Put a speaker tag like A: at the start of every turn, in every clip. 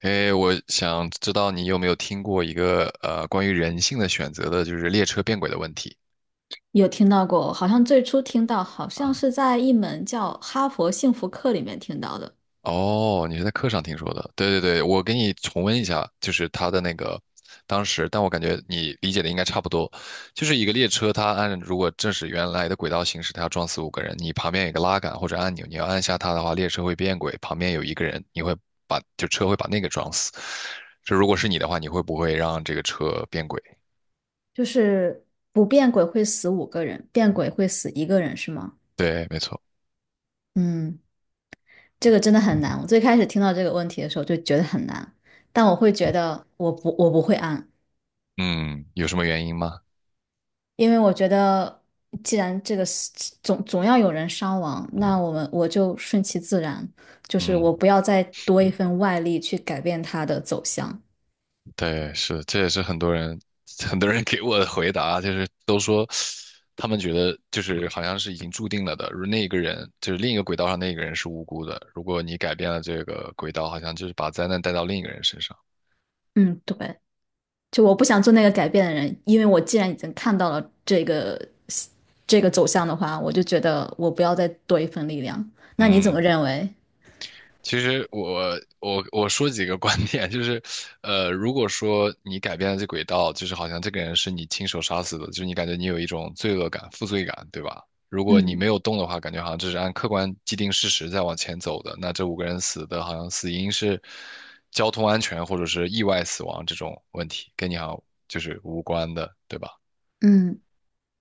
A: 哎，我想知道你有没有听过一个关于人性的选择的，就是列车变轨的问题。
B: 有听到过，好像最初听到，好像是在一门叫《哈佛幸福课》里面听到的。
A: 哦，你是在课上听说的？对对对，我给你重温一下，就是他的那个当时，但我感觉你理解的应该差不多。就是一个列车，它按如果正是原来的轨道行驶，它要撞死五个人，你旁边有一个拉杆或者按钮，你要按下它的话，列车会变轨，旁边有一个人，你会车会把那个撞死。这如果是你的话，你会不会让这个车变轨？
B: 就是不变鬼会死五个人，变鬼会死一个人，是吗？
A: 对，没错。
B: 嗯，这个真的很难。我最开始听到这个问题的时候就觉得很难，但我会觉得我不会按。
A: 嗯，有什么原因吗？
B: 因为我觉得既然这个是总要有人伤亡，那我就顺其自然，就是
A: 嗯，
B: 我不要再多一份外力去改变它的走向。
A: 对，是，这也是很多人 很多人给我的回答，就是都说他们觉得就是好像是已经注定了的，如那个人就是另一个轨道上那个人是无辜的，如果你改变了这个轨道，好像就是把灾难带到另一个人身上。
B: 嗯，对。就我不想做那个改变的人，因为我既然已经看到了这个走向的话，我就觉得我不要再多一份力量。那你怎
A: 嗯，
B: 么认为？
A: 其实我说几个观点，就是，如果说你改变了这轨道，就是好像这个人是你亲手杀死的，就是你感觉你有一种罪恶感、负罪感，对吧？如果你
B: 嗯。
A: 没有动的话，感觉好像这是按客观既定事实在往前走的。那这五个人死的好像死因是交通安全或者是意外死亡这种问题，跟你好像就是无关的，对吧？
B: 嗯。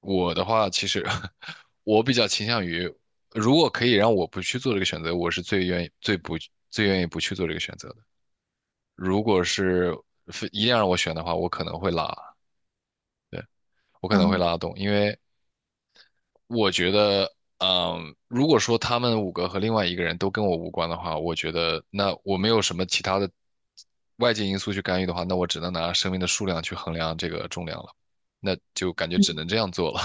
A: 我的话，其实 我比较倾向于，如果可以让我不去做这个选择，我是最愿意不去做这个选择的。如果是非一定要让我选的话，我可能会
B: 啊。
A: 拉动，因为我觉得，如果说他们五个和另外一个人都跟我无关的话，我觉得那我没有什么其他的外界因素去干预的话，那我只能拿生命的数量去衡量这个重量了，那就感觉只
B: 嗯。
A: 能这样做了。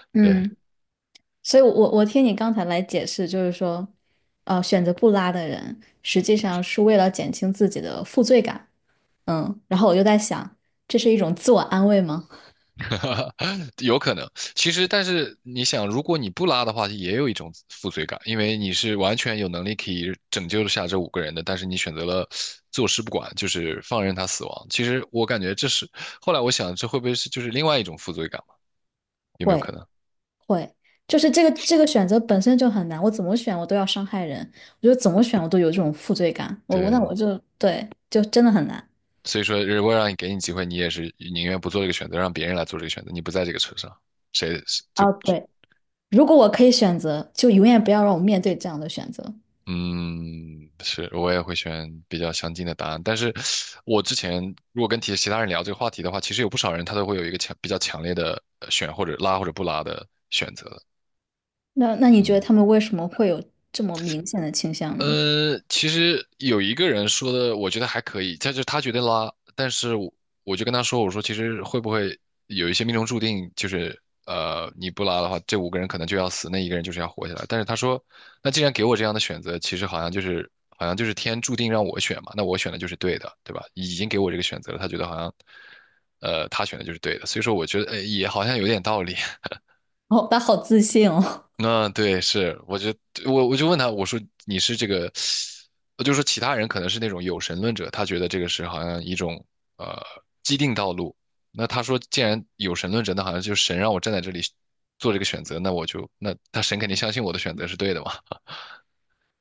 A: 对，
B: 嗯。所以我听你刚才来解释，就是说，选择不拉的人，实际上是为了减轻自己的负罪感。嗯，然后我就在想，这是一种自我安慰吗？
A: 有可能。其实，但是你想，如果你不拉的话，也有一种负罪感，因为你是完全有能力可以拯救下这五个人的，但是你选择了坐视不管，就是放任他死亡。其实我感觉这是，后来我想，这会不会是就是另外一种负罪感嘛？有没有
B: 会。
A: 可能？
B: 会，就是这个选择本身就很难，我怎么选我都要伤害人。我觉得怎么选我都有这种负罪感，我我那
A: 对，
B: 我就对，就真的很难。
A: 所以说，如果让你给你机会，你也是宁愿不做这个选择，让别人来做这个选择，你不在这个车上，谁就
B: 啊，对。如果我可以选择，就永远不要让我面对这样的选择。
A: 嗯，是，我也会选比较相近的答案。但是，我之前如果跟其他人聊这个话题的话，其实有不少人他都会有一个比较强烈的选或者拉或者不拉的选择的。
B: 那你觉得
A: 嗯，
B: 他们为什么会有这么明显的倾向呢？
A: 其实有一个人说的，我觉得还可以，他就他觉得拉，但是我就跟他说，我说其实会不会有一些命中注定，就是你不拉的话，这五个人可能就要死，那一个人就是要活下来。但是他说，那既然给我这样的选择，其实好像就是天注定让我选嘛，那我选的就是对的，对吧？已经给我这个选择了，他觉得好像他选的就是对的，所以说我觉得也好像有点道理。
B: 哦，他好自信哦。
A: 那对，是，我就问他，我说你是这个，我就说其他人可能是那种有神论者，他觉得这个是好像一种呃既定道路。那他说，既然有神论者，那好像就是神让我站在这里做这个选择，那我就那他神肯定相信我的选择是对的嘛。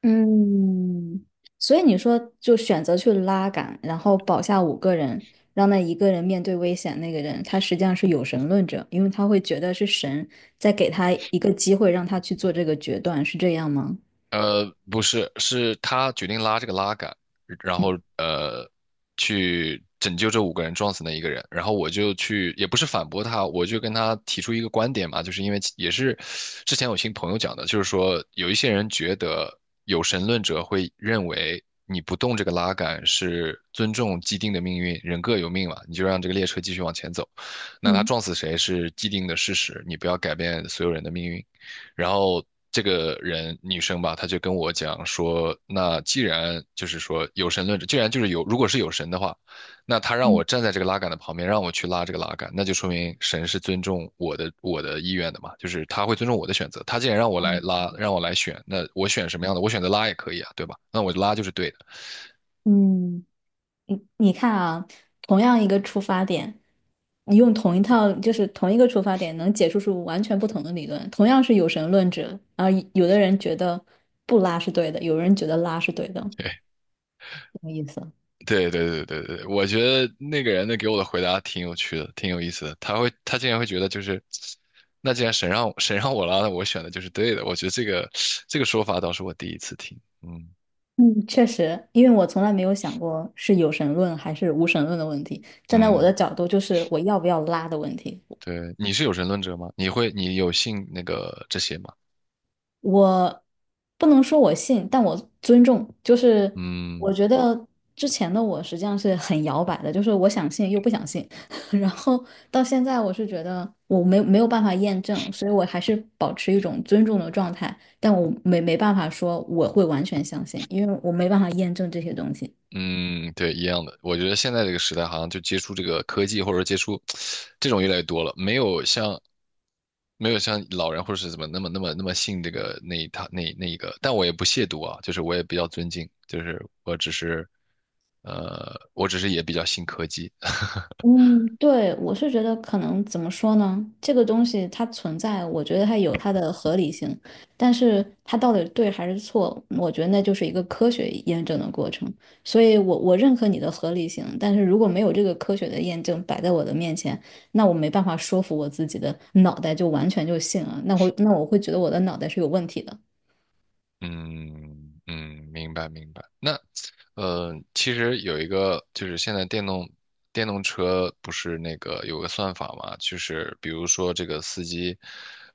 B: 嗯，所以你说就选择去拉杆，然后保下五个人，让那一个人面对危险。那个人他实际上是有神论者，因为他会觉得是神在给他一个机会，让他去做这个决断，是这样吗？
A: 不是，是他决定拉这个拉杆，然后去拯救这五个人撞死那一个人。然后我就去，也不是反驳他，我就跟他提出一个观点嘛，就是因为也是之前有听朋友讲的，就是说有一些人觉得有神论者会认为你不动这个拉杆是尊重既定的命运，人各有命嘛，你就让这个列车继续往前走。那他
B: 嗯。
A: 撞死谁是既定的事实，你不要改变所有人的命运。然后这个人女生吧，她就跟我讲说，那既然就是说有神论者，既然就是有，如果是有神的话，那他让我站在这个拉杆的旁边，让我去拉这个拉杆，那就说明神是尊重我的意愿的嘛，就是他会尊重我的选择。他既然让我来拉，让我来选，那我选什么样的，我选择拉也可以啊，对吧？那我拉就是对的。
B: 嗯，你你看啊，同样一个出发点，你用同一套就是同一个出发点，能解释出完全不同的理论。同样是有神论者，啊，有的人觉得不拉是对的，有人觉得拉是对的，
A: 对，
B: 什么意思？
A: 对对对对对，我觉得那个人的给我的回答挺有趣的，挺有意思的。他竟然会觉得就是，那既然神让我拉，那我选的就是对的。我觉得这个说法倒是我第一次听。嗯
B: 嗯，确实，因为我从来没有想过是有神论还是无神论的问题。站在我的
A: 嗯，
B: 角度，就是我要不要拉的问题。
A: 对，你是有神论者吗？你有信那个这些吗？
B: 我不能说我信，但我尊重。就是
A: 嗯
B: 我觉得之前的我实际上是很摇摆的，就是我想信又不想信。然后到现在，我是觉得我没有办法验证，所以我还是保持一种尊重的状态。但我没办法说我会完全相信，因为我没办法验证这些东西。
A: 嗯，对，一样的。我觉得现在这个时代，好像就接触这个科技，或者说接触这种越来越多了，没有像老人或者是怎么那么信这个那一套那一个。但我也不亵渎啊，就是我也比较尊敬，就是我只是也比较信科技。
B: 嗯，对。我是觉得可能怎么说呢？这个东西它存在，我觉得它有它的合理性。但是它到底对还是错，我觉得那就是一个科学验证的过程。所以我，我认可你的合理性，但是如果没有这个科学的验证摆在我的面前，那我没办法说服我自己的脑袋就完全就信了。那会那我会觉得我的脑袋是有问题的。
A: 嗯嗯，明白明白。那其实有一个就是现在电动车不是那个有个算法嘛，就是比如说这个司机，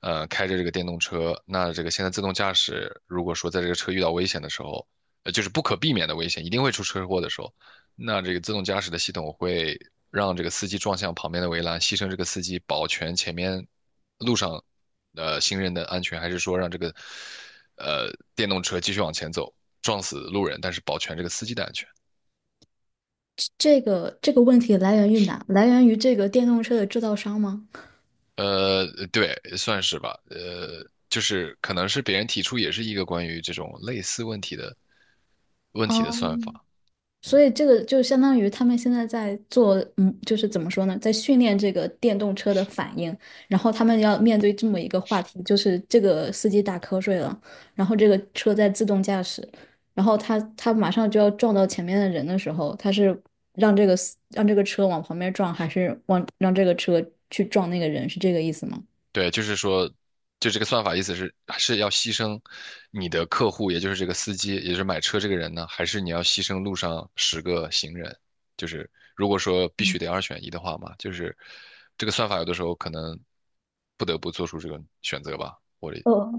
A: 开着这个电动车，那这个现在自动驾驶，如果说在这个车遇到危险的时候，就是不可避免的危险，一定会出车祸的时候，那这个自动驾驶的系统会让这个司机撞向旁边的围栏，牺牲这个司机，保全前面路上，行人的安全，还是说让这个呃电动车继续往前走，撞死路人，但是保全这个司机的安全？
B: 这这个问题来源于哪？来源于这个电动车的制造商吗？
A: 呃，对，算是吧。就是可能是别人提出也是一个关于这种类似问题的
B: 哦，
A: 算法。
B: 所以这个就相当于他们现在在做，嗯，就是怎么说呢，在训练这个电动车的反应，然后他们要面对这么一个话题，就是这个司机打瞌睡了，然后这个车在自动驾驶，然后他马上就要撞到前面的人的时候，他是让这个车往旁边撞，还是往让这个车去撞那个人，是这个意思吗？
A: 对，就是说，就这个算法意思是要牺牲你的客户，也就是这个司机，也就是买车这个人呢，还是你要牺牲路上10个行人？就是如果说必须得二选一的话嘛，就是这个算法有的时候可能不得不做出这个选择吧。
B: 哦，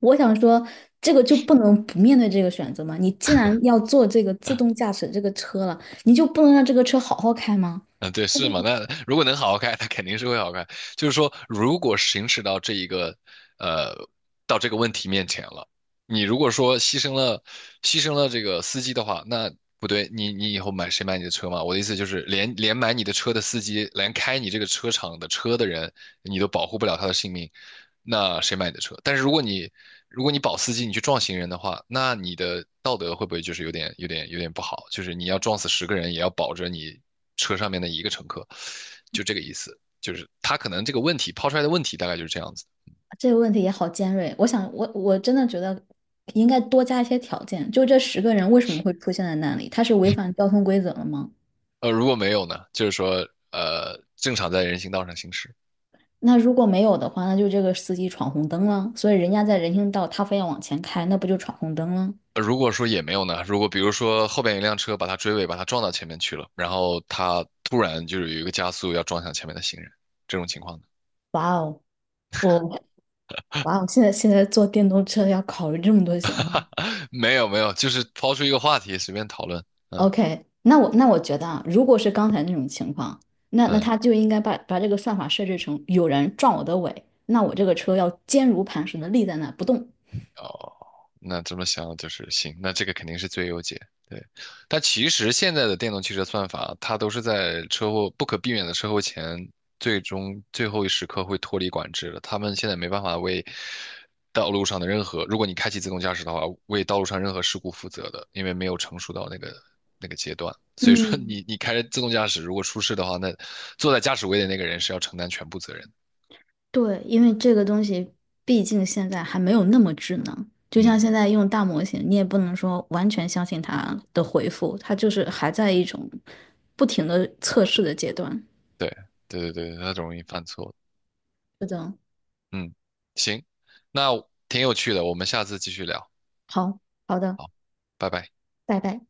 B: 我想说，这个就不能不面对这个选择吗？你既然要做这个自动驾驶这个车了，你就不能让这个车好好开吗？
A: 嗯，对，是嘛？那如果能好好开，它肯定是会好开，就是说，如果行驶到这一个，呃，到这个问题面前了，你如果说牺牲了这个司机的话，那不对，你以后买你的车嘛？我的意思就是，连买你的车的司机，连开你这个车厂的车的人，你都保护不了他的性命。那谁买你的车？但是如果你保司机，你去撞行人的话，那你的道德会不会就是有点不好？就是你要撞死10个人，也要保着你车上面的一个乘客，就这个意思。就是他可能这个问题抛出来的问题大概就是这样子。
B: 这个问题也好尖锐。我想，我真的觉得应该多加一些条件，就这十个人为什么会出现在那里？他是违反交通规则了吗？
A: 如果没有呢，就是说正常在人行道上行驶。
B: 那如果没有的话，那就这个司机闯红灯了。所以人家在人行道，他非要往前开，那不就闯红灯了？
A: 如果说也没有呢，如果比如说后边有一辆车把他追尾，把他撞到前面去了，然后他突然就是有一个加速要撞向前面的行人，这种情况呢
B: 哇哦，我哇哦，现在现在坐电动车要考虑这么多情况。
A: 没有没有，就是抛出一个话题，随便讨论。嗯
B: OK，那我觉得啊，如果是刚才那种情况，那
A: 嗯，
B: 他就应该把这个算法设置成有人撞我的尾，那我这个车要坚如磐石的立在那不动。
A: 哦，那这么想就是行，那这个肯定是最优解。对，但其实现在的电动汽车算法，它都是在车祸不可避免的车祸前，最终最后一时刻会脱离管制的。他们现在没办法为道路上的任何，如果你开启自动驾驶的话，为道路上任何事故负责的，因为没有成熟到那个阶段。所以说
B: 嗯，
A: 你开着自动驾驶，如果出事的话，那坐在驾驶位的那个人是要承担全部责任的。
B: 对。因为这个东西毕竟现在还没有那么智能，就像
A: 嗯，
B: 现在用大模型，你也不能说完全相信它的回复，它就是还在一种不停的测试的阶段。
A: 对对对对，它容易犯错。
B: 是的。
A: 嗯，行，那挺有趣的，我们下次继续聊。
B: 好，好的。
A: 好，拜拜。
B: 拜拜。